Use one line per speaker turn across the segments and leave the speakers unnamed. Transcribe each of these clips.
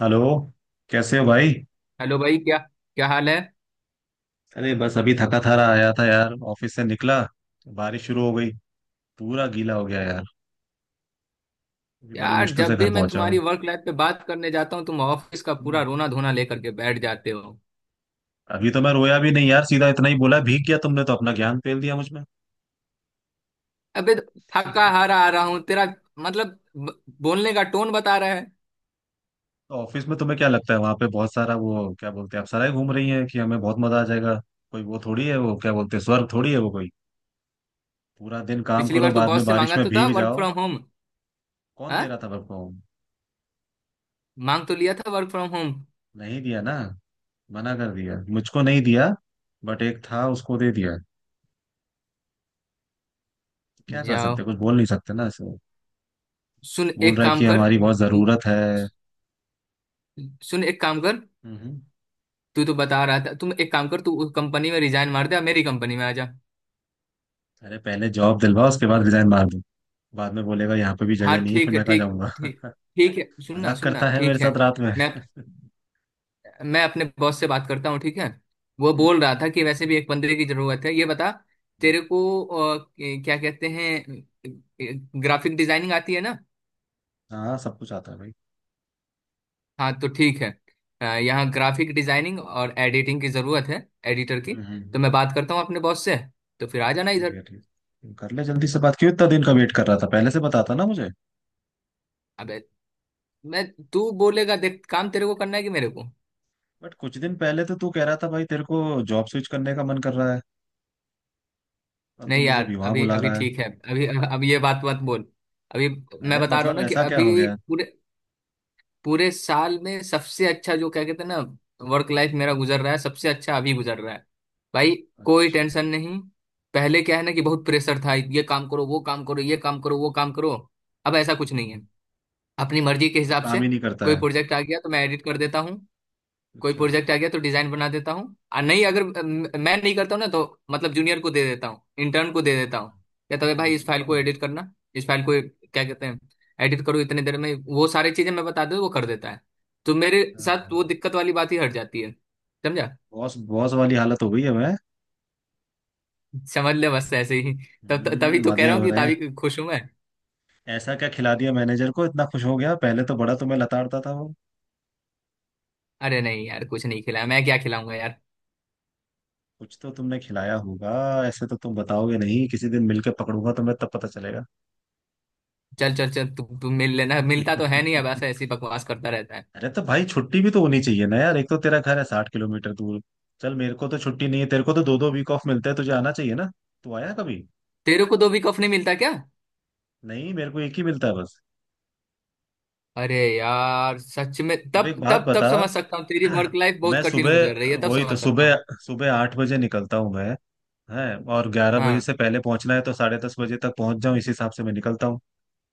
Hello. कैसे हो भाई?
हेलो भाई, क्या क्या हाल है।
अरे बस अभी थका थारा आया था यार, ऑफिस से निकला, बारिश शुरू हो गई, पूरा गीला हो गया यार। अभी बड़ी
यार,
मुश्किल से
जब भी
घर
मैं
पहुंचा
तुम्हारी
हूँ।
वर्क लाइफ पे बात करने जाता हूँ, तुम ऑफिस का
हम्म।
पूरा रोना धोना लेकर के बैठ जाते हो।
अभी तो मैं रोया भी नहीं यार, सीधा इतना ही बोला भीग गया, तुमने तो अपना ज्ञान फेल दिया मुझ में।
अबे, थका हारा आ रहा हूँ तेरा। मतलब बोलने का टोन बता रहा है।
तो ऑफिस में तुम्हें क्या लगता है, वहां पे बहुत सारा वो क्या बोलते हैं, आप सराय घूम रही हैं कि हमें बहुत मजा आ जाएगा? कोई वो थोड़ी है, वो क्या बोलते हैं स्वर्ग थोड़ी है वो कोई। पूरा दिन काम
पिछली
करो,
बार तू
बाद में
बॉस से
बारिश
मांगा
में
तो था
भीग
वर्क
जाओ।
From home.
कौन दे
हाँ,
रहा था सबको?
मांग तो लिया था वर्क फ्रॉम होम।
नहीं दिया ना, मना कर दिया, मुझको नहीं दिया। बट एक था उसको दे दिया। क्या कर
जाओ।
सकते, कुछ बोल नहीं सकते ना ऐसे।
सुन,
बोल
एक
रहा है
काम
कि
कर।
हमारी बहुत
तू।
जरूरत है।
सुन, एक काम कर।
हम्म।
तू तो बता रहा था, तुम एक काम कर, तू उस कंपनी में रिजाइन मार दे और मेरी कंपनी में आ जा।
अरे पहले जॉब दिलवा, उसके बाद रिजाइन मार दो। बाद में बोलेगा यहाँ पे भी
हाँ,
जगह नहीं है,
ठीक
फिर
है।
मैं कहाँ
ठीक।
जाऊंगा।
ठीक। ठीक है, सुनना
मजाक
सुनना,
करता है मेरे
ठीक है।
साथ रात में।
मैं।
हम्म।
मैं अपने बॉस से बात करता हूँ, ठीक है। वो बोल रहा था कि वैसे भी एक बंदे की जरूरत है। ये बता, तेरे को क्या कहते हैं, ग्राफिक डिजाइनिंग आती है ना।
हाँ सब कुछ आता है भाई।
हाँ तो ठीक है। यहाँ ग्राफिक डिजाइनिंग और एडिटिंग की जरूरत है, एडिटर की।
हम्म,
तो
हम्म।
मैं बात करता हूँ अपने बॉस से, तो फिर आ जाना
ठीक
इधर।
है। ठीक है। कर ले जल्दी से बात, क्यों इतना दिन का वेट कर रहा था, पहले से बताता ना मुझे।
अबे। मैं। तू बोलेगा देख, काम तेरे को करना है कि मेरे को।
बट कुछ दिन पहले तो तू कह रहा था भाई तेरे को जॉब स्विच करने का मन कर रहा है, और तू
नहीं
मुझे अभी
यार,
वहां
अभी
बुला
अभी
रहा है?
ठीक है, अभी अब ये बात मत बोल। अभी मैं
अरे
बता रहा हूँ
मतलब
ना कि
ऐसा क्या हो
अभी,
गया?
पूरे पूरे साल में सबसे अच्छा, जो क्या कहते हैं ना, वर्क लाइफ मेरा गुजर रहा है, सबसे अच्छा अभी गुजर रहा है भाई। कोई
अच्छा।
टेंशन नहीं। पहले क्या है ना कि बहुत प्रेशर था, ये काम करो वो काम करो ये काम करो वो काम करो। अब ऐसा कुछ नहीं है,
हम्म।
अपनी मर्जी के
अब
हिसाब से।
काम ही नहीं करता
कोई
है।
प्रोजेक्ट आ गया तो मैं एडिट कर देता हूँ, कोई
अच्छा।
प्रोजेक्ट आ गया तो डिजाइन बना देता हूँ, और नहीं अगर मैं नहीं करता हूँ ना, तो मतलब जूनियर को दे देता हूँ, इंटर्न को दे देता हूँ।
अच्छा।
कहता है, भाई इस
हाँ।
फाइल को
अरे।
एडिट करना, इस फाइल को क्या कहते हैं एडिट करो, इतने देर में वो सारी चीजें मैं बता दूँ वो कर देता है। तो मेरे साथ
हाँ।
वो दिक्कत वाली बात ही हट जाती है, समझा।
बॉस बॉस वाली हालत हो गई है मैं।
समझ ले बस ऐसे ही। तब तभी
हम्म,
तो कह
मजे
रहा हूँ
हो
कि
रहे हैं।
तभी खुश हूं मैं।
ऐसा क्या खिला दिया मैनेजर को इतना खुश हो गया, पहले तो बड़ा तुम्हें लताड़ता था वो।
अरे नहीं यार, कुछ नहीं खिलाया, मैं क्या खिलाऊंगा यार।
कुछ तो तुमने खिलाया होगा। ऐसे तो तुम बताओगे नहीं, किसी दिन मिलके पकड़ूंगा तुम्हें तब पता चलेगा।
चल चल चल, तू तू मिल लेना, मिलता तो है नहीं, अब ऐसा ऐसी बकवास करता रहता है।
अरे तो भाई छुट्टी भी तो होनी चाहिए ना यार, एक तो तेरा घर है 60 किलोमीटर दूर। चल मेरे को तो छुट्टी नहीं है, तेरे को तो दो दो वीक ऑफ मिलते हैं, तुझे आना चाहिए ना। तू आया कभी?
तेरे को 2 वीक ऑफ नहीं मिलता क्या।
नहीं मेरे को एक ही मिलता है बस।
अरे यार, सच में,
अब
तब
एक बात
तब तब
बता।
समझ सकता हूँ, तेरी वर्क लाइफ बहुत
मैं
कठिन गुजर रही है,
सुबह,
तब
वही तो,
समझ सकता हूँ
सुबह
मैं।
सुबह 8 बजे निकलता हूँ मैं। है। और 11 बजे
हाँ।
से पहले पहुंचना है तो 10:30 बजे तक पहुंच जाऊँ इस हिसाब से मैं निकलता हूँ।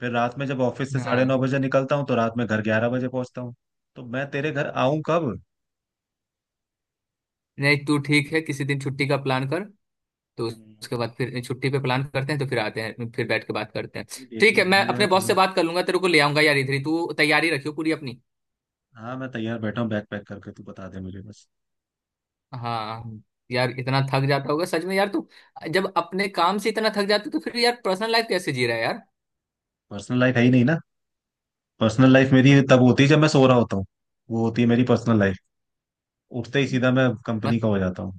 फिर रात में जब ऑफिस से साढ़े
हाँ,
नौ बजे निकलता हूँ तो रात में घर 11 बजे पहुंचता हूँ। तो मैं तेरे घर आऊं कब?
नहीं तू ठीक है, किसी दिन छुट्टी का प्लान कर, तो उसके
हम्म।
बाद फिर छुट्टी पे प्लान करते हैं, तो फिर आते हैं फिर बैठ के बात करते हैं।
ये
ठीक
देखना
है, मैं
पड़ेगा यार
अपने बॉस से
थोड़ा।
बात कर लूंगा, तेरे को ले आऊंगा यार इधर ही, तू तैयारी रखियो पूरी अपनी।
हाँ मैं तैयार बैठा हूँ, बैग पैक करके, तू बता दे मुझे बस।
हाँ। यार, इतना थक जाता होगा सच में यार तू। जब अपने काम से इतना थक जाता, तो फिर यार पर्सनल लाइफ कैसे जी रहा है।
पर्सनल लाइफ है ही नहीं ना। पर्सनल लाइफ मेरी तब होती है जब मैं सो रहा होता हूँ, वो होती है मेरी पर्सनल लाइफ। उठते ही
यार,
सीधा मैं कंपनी का हो जाता हूँ।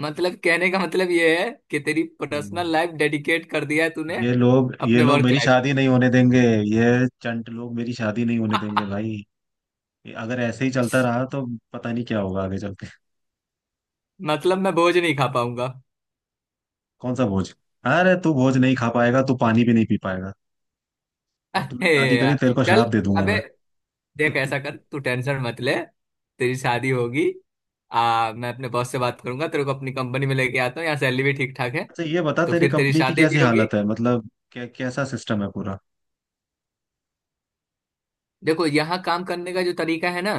मतलब कहने का मतलब ये है कि तेरी
हम्म।
पर्सनल लाइफ डेडिकेट कर दिया है तूने,
ये लोग ये
अपने
लोग
वर्क
मेरी
लाइफ
शादी
को।
नहीं होने देंगे। ये चंट लोग मेरी शादी नहीं होने देंगे भाई, अगर ऐसे ही चलता रहा तो पता नहीं क्या होगा आगे चल के।
मतलब मैं बोझ नहीं खा पाऊंगा।
कौन सा भोज? अरे तू भोज नहीं खा पाएगा, तू पानी भी नहीं पी पाएगा। और तूने शादी
अरे
करी
यार।
तेरे को
चल।
शराब दे दूंगा
अबे,
मैं।
देख ऐसा कर, तू टेंशन मत ले। तेरी शादी होगी। आ, मैं अपने बॉस से बात करूंगा, तेरे को अपनी कंपनी में लेके आता हूँ, यहाँ सैलरी भी ठीक ठाक है,
अच्छा ये बता
तो
तेरी
फिर तेरी
कंपनी की
शादी
कैसी
भी होगी।
हालत है, मतलब क्या कैसा सिस्टम है पूरा?
देखो यहाँ काम करने का जो तरीका है ना,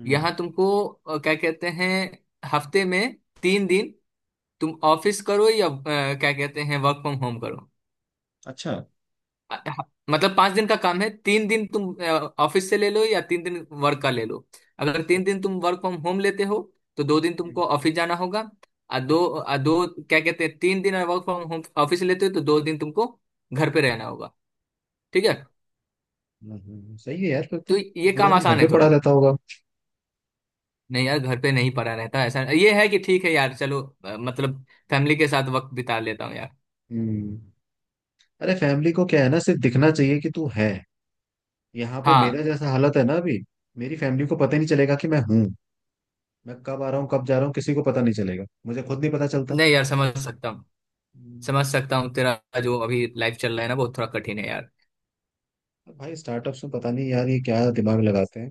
हम्म।
यहाँ तुमको क्या कहते हैं, हफ्ते में 3 दिन तुम ऑफिस करो या क्या कहते हैं, वर्क फ्रॉम होम करो।
अच्छा।
अ, ह- मतलब 5 दिन का काम है, 3 दिन तुम ऑफिस से ले लो, या 3 दिन वर्क का ले लो। अगर 3 दिन
ओके।
तुम वर्क फ्रॉम होम लेते हो तो 2 दिन
हम्म,
तुमको ऑफिस जाना होगा। और दो, और दो क्या कहते हैं, 3 दिन वर्क फ्रॉम होम ऑफिस लेते हो तो 2 दिन तुमको घर पे रहना होगा, ठीक है।
सही है यार, फिर तो,
तो
तो
ये
पूरा
काम
दिन घर
आसान है
पे पड़ा
थोड़ा।
रहता होगा।
नहीं यार, घर पे नहीं पड़ा रहता, ऐसा ये है कि ठीक है यार, चलो मतलब फैमिली के साथ वक्त बिता लेता हूँ यार।
हम्म। अरे फैमिली को क्या है ना, सिर्फ दिखना चाहिए कि तू है। यहाँ पे
हाँ।
मेरा जैसा हालत है ना अभी, मेरी फैमिली को पता ही नहीं चलेगा कि मैं हूँ। मैं कब आ रहा हूँ कब जा रहा हूँ, किसी को पता नहीं चलेगा, मुझे खुद नहीं पता चलता।
नहीं यार, समझ सकता हूँ,
हम्म।
समझ सकता हूँ तेरा, जो अभी लाइफ चल रहा है ना वो थोड़ा कठिन है यार।
अब भाई स्टार्टअप्स में पता नहीं यार ये क्या दिमाग लगाते हैं,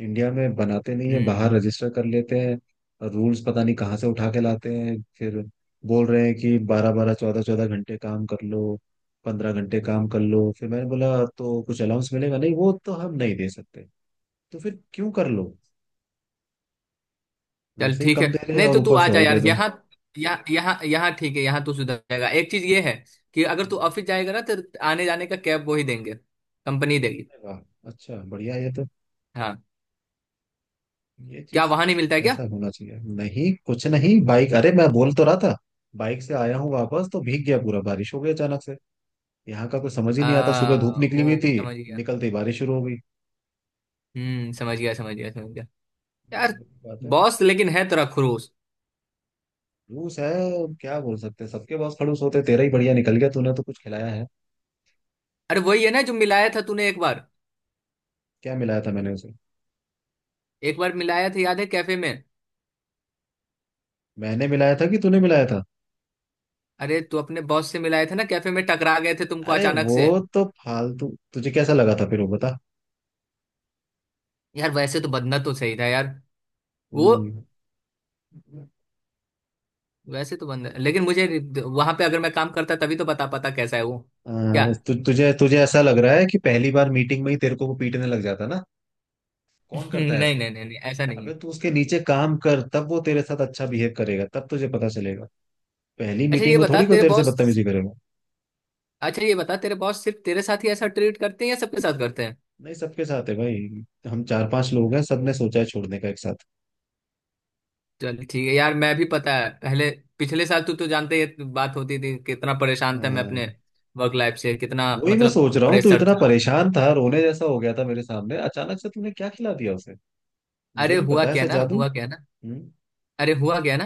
इंडिया में बनाते नहीं है
हम्म।
बाहर
हम्म।
रजिस्टर कर लेते हैं, और रूल्स पता नहीं कहाँ से उठा के लाते हैं फिर। बोल रहे हैं कि बारह बारह चौदह चौदह घंटे काम कर लो, 15 घंटे काम कर लो, फिर मैंने बोला तो कुछ अलाउंस मिलेगा? नहीं, वो तो हम नहीं दे सकते। तो फिर क्यों कर लो?
चल
वैसे ही
ठीक है,
कम दे रहे हैं
नहीं
और
तो तू
ऊपर
आ
से
जा
और
यार
दे
यहाँ, यहाँ यहाँ यहाँ ठीक है, यहाँ तू सुधर जाएगा। एक चीज ये है कि अगर
दो।
तू ऑफिस जाएगा ना, तो आने जाने का कैब वो ही देंगे, कंपनी देगी।
अरे वाह, अच्छा बढ़िया ये तो,
हाँ,
ये
क्या
चीज
वहां नहीं मिलता है क्या।
ऐसा होना चाहिए। नहीं कुछ नहीं, बाइक, अरे मैं बोल तो रहा था बाइक से आया हूँ, वापस तो भीग गया पूरा, बारिश हो गई अचानक से। यहाँ का कुछ समझ ही
आ,
नहीं आता, सुबह धूप निकली हुई
ओ
थी,
समझ गया।
निकलते ही बारिश शुरू हो गई।
हम्म, समझ गया समझ गया समझ गया। यार
बात है।
बॉस लेकिन है तेरा खड़ूस।
खड़ूस है। क्या बोल सकते हैं, सबके पास खड़ूस होते हैं, तेरा ही बढ़िया निकल गया, तूने तो कुछ खिलाया है।
अरे वही है ना जो मिलाया था तूने एक बार।
क्या मिलाया था मैंने उसे?
एक बार मिलाया था याद है, कैफे में।
मैंने मिलाया था कि तूने मिलाया था?
अरे तू अपने बॉस से मिलाया था ना कैफे में, टकरा गए थे तुमको
अरे
अचानक
वो।
से।
तो फालतू तुझे कैसा लगा था फिर, वो बता।
यार वैसे तो बंदना तो सही था यार। वो,
हम्म।
वैसे तो बंदा, लेकिन मुझे वहां पे अगर मैं काम करता तभी तो बता पाता कैसा है वो। क्या।
हाँ, तु, तुझे तुझे ऐसा लग रहा है कि पहली बार मीटिंग में ही तेरे को वो पीटने लग जाता ना? कौन
नहीं
करता है ऐसा?
नहीं नहीं नहीं, ऐसा नहीं
अबे
है।
तू उसके नीचे काम कर, तब वो तेरे साथ अच्छा बिहेव करेगा, तब तुझे पता चलेगा। पहली
अच्छा ये
मीटिंग में
बता
थोड़ी कोई
तेरे
तेरे से
बॉस,
बदतमीजी करेगा।
अच्छा ये बता, तेरे बॉस सिर्फ तेरे साथ ही ऐसा ट्रीट करते हैं या सबके साथ करते
नहीं सबके साथ है भाई, हम चार पांच लोग हैं, सबने
हैं।
सोचा है छोड़ने का एक साथ।
चल ठीक है यार, मैं भी पता है, पहले पिछले साल तू तो जानते ही है, बात होती थी कितना परेशान था मैं अपने
हाँ।
वर्क लाइफ से, कितना
वही मैं
मतलब
सोच रहा हूँ, तू
प्रेशर
इतना
था।
परेशान था, रोने जैसा हो गया था मेरे सामने, अचानक से तूने क्या खिला दिया उसे,
अरे
मुझे भी
हुआ
पता है
क्या
ऐसा
ना,
जादू।
हुआ क्या ना।
हम्म।
अरे हुआ क्या ना,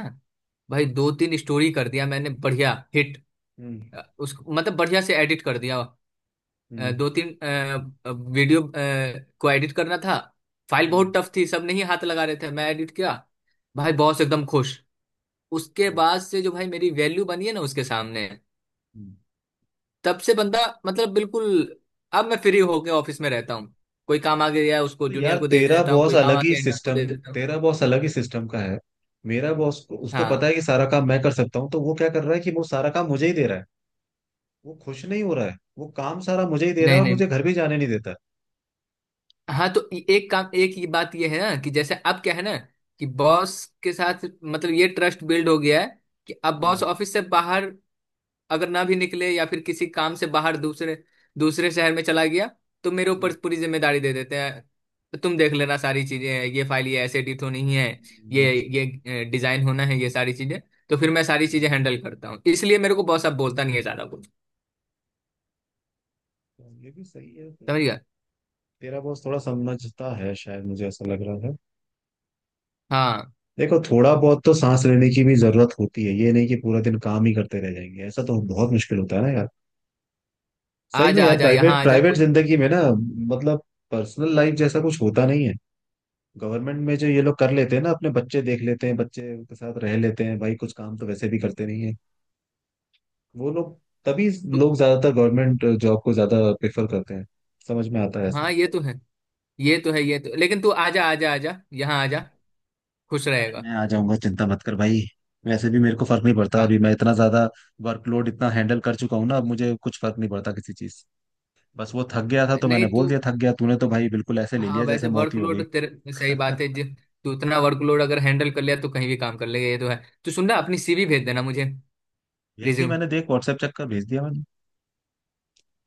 भाई दो तीन स्टोरी कर दिया मैंने बढ़िया हिट,
हम्म।
उसको मतलब बढ़िया से एडिट कर दिया।
हम्म।
दो तीन वीडियो को एडिट करना था, फाइल
हम्म।
बहुत टफ थी, सब नहीं हाथ लगा रहे थे, मैं एडिट किया। भाई बॉस एकदम खुश। उसके
हम्म,
बाद से जो भाई मेरी वैल्यू बनी है ना उसके सामने,
हम्म।
तब से बंदा, मतलब बिल्कुल, अब मैं फ्री होके ऑफिस में रहता हूँ। कोई काम आ गया है, उसको
तो
जूनियर
यार
को दे
तेरा
देता हूँ,
बॉस
कोई काम आ
अलग ही
गया इंटर्न को
सिस्टम,
दे देता हूँ।
तेरा बॉस अलग ही सिस्टम का है। मेरा बॉस को, उसको पता
हाँ।
है कि सारा काम मैं कर सकता हूँ, तो वो क्या कर रहा है कि वो सारा काम मुझे ही दे रहा है। वो खुश नहीं हो रहा है, वो काम सारा मुझे ही दे रहा
नहीं
है और
नहीं।
मुझे घर भी जाने नहीं देता।
हाँ तो, एक काम, एक ये बात ये है ना, कि जैसे अब क्या है ना, कि बॉस के साथ मतलब ये ट्रस्ट बिल्ड हो गया है, कि अब
हम्म।
बॉस ऑफिस से बाहर अगर ना भी निकले, या फिर किसी काम से बाहर दूसरे दूसरे शहर में चला गया, तो मेरे ऊपर
हम्म।
पूरी जिम्मेदारी दे देते हैं। तो तुम देख लेना सारी चीजें, ये फाइल ये ऐसे एडिट होनी है,
अच्छा।
ये डिजाइन होना है, ये सारी चीजें, तो फिर मैं सारी चीजें
हम्म,
हैंडल करता हूँ, इसलिए मेरे को बॉस अब बोलता नहीं है ज्यादा कुछ।
तो ये भी सही है फिर।
समझ गया।
तेरा बॉस थोड़ा समझता है शायद, मुझे ऐसा लग रहा है।
हाँ
देखो थोड़ा बहुत तो सांस लेने की भी जरूरत होती है, ये नहीं कि पूरा दिन काम ही करते रह जाएंगे, ऐसा तो बहुत मुश्किल होता है ना यार। सही
आ
में
जा आ
यार,
जा, यहाँ
प्राइवेट
आ जा
प्राइवेट
कोई।
जिंदगी में ना, मतलब पर्सनल लाइफ जैसा कुछ होता नहीं है। गवर्नमेंट में जो ये लोग कर लेते हैं ना, अपने बच्चे देख लेते हैं, बच्चे के साथ रह लेते हैं, भाई कुछ काम तो वैसे भी करते नहीं है वो लोग, तभी
तू-
लोग ज्यादातर गवर्नमेंट जॉब को ज्यादा प्रेफर करते हैं, समझ में आता है ऐसा।
हाँ ये तो है, ये तो है ये तो, लेकिन तू आ जा आ जा आ जा, यहाँ आ जा, खुश
अरे मैं
रहेगा।
आ जाऊंगा, चिंता मत कर भाई। वैसे भी मेरे को फर्क नहीं पड़ता,
हाँ।
अभी मैं इतना ज्यादा वर्कलोड इतना हैंडल कर चुका हूँ ना, अब मुझे कुछ फर्क नहीं पड़ता किसी चीज। बस वो थक गया था तो
नहीं
मैंने
तू,
बोल दिया थक गया, तूने तो भाई बिल्कुल ऐसे ले
हाँ
लिया
वैसे
जैसे मौत ही हो
वर्कलोड
गई।
तेरे, सही बात है जी, तू इतना वर्कलोड अगर हैंडल कर लिया तो कहीं भी काम कर लेगा, ये तो है। तो सुन ना, अपनी सीवी भेज देना मुझे,
भेज दी
रिज्यूम।
मैंने, देख व्हाट्सएप चेक कर, भेज दिया मैंने।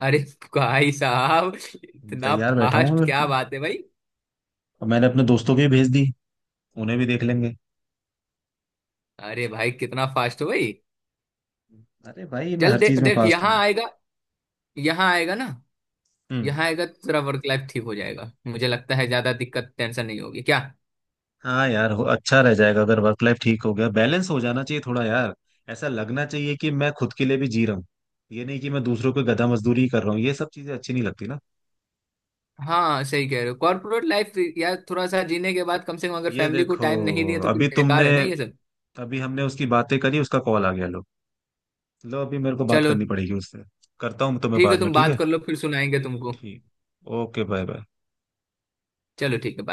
अरे भाई साहब, इतना
तैयार बैठा हूँ मैं
फास्ट, क्या
बिल्कुल,
बात है भाई।
और मैंने अपने दोस्तों को भी भेज दी, उन्हें भी देख लेंगे।
अरे भाई कितना फास्ट हो भाई।
अरे भाई मैं
जल्द
हर
दे,
चीज में
देख
फास्ट
यहाँ
हूँ।
आएगा, यहाँ आएगा ना,
हम्म।
यहाँ आएगा तो तेरा वर्क लाइफ ठीक हो जाएगा, मुझे लगता है ज्यादा दिक्कत टेंशन नहीं होगी क्या।
हाँ यार हो, अच्छा रह जाएगा अगर वर्क लाइफ ठीक हो गया, बैलेंस हो जाना चाहिए थोड़ा यार। ऐसा लगना चाहिए कि मैं खुद के लिए भी जी रहा हूँ, ये नहीं कि मैं दूसरों को गधा मजदूरी ही कर रहा हूँ, ये सब चीजें अच्छी नहीं लगती ना।
हाँ सही कह रहे हो, कॉर्पोरेट लाइफ यार थोड़ा सा जीने के बाद कम से कम अगर
ये
फैमिली को
देखो,
टाइम नहीं दिए, तो फिर
अभी तुमने,
बेकार है ना ये सब।
अभी हमने उसकी बातें करी, उसका कॉल आ गया, लो। लो अभी मेरे को बात
चलो
करनी पड़ेगी उससे। करता हूँ तुम्हें
ठीक है,
बाद में,
तुम
ठीक
बात
है।
कर लो, फिर सुनाएंगे तुमको।
ठीक। Okay, bye bye.
चलो ठीक है, बाय।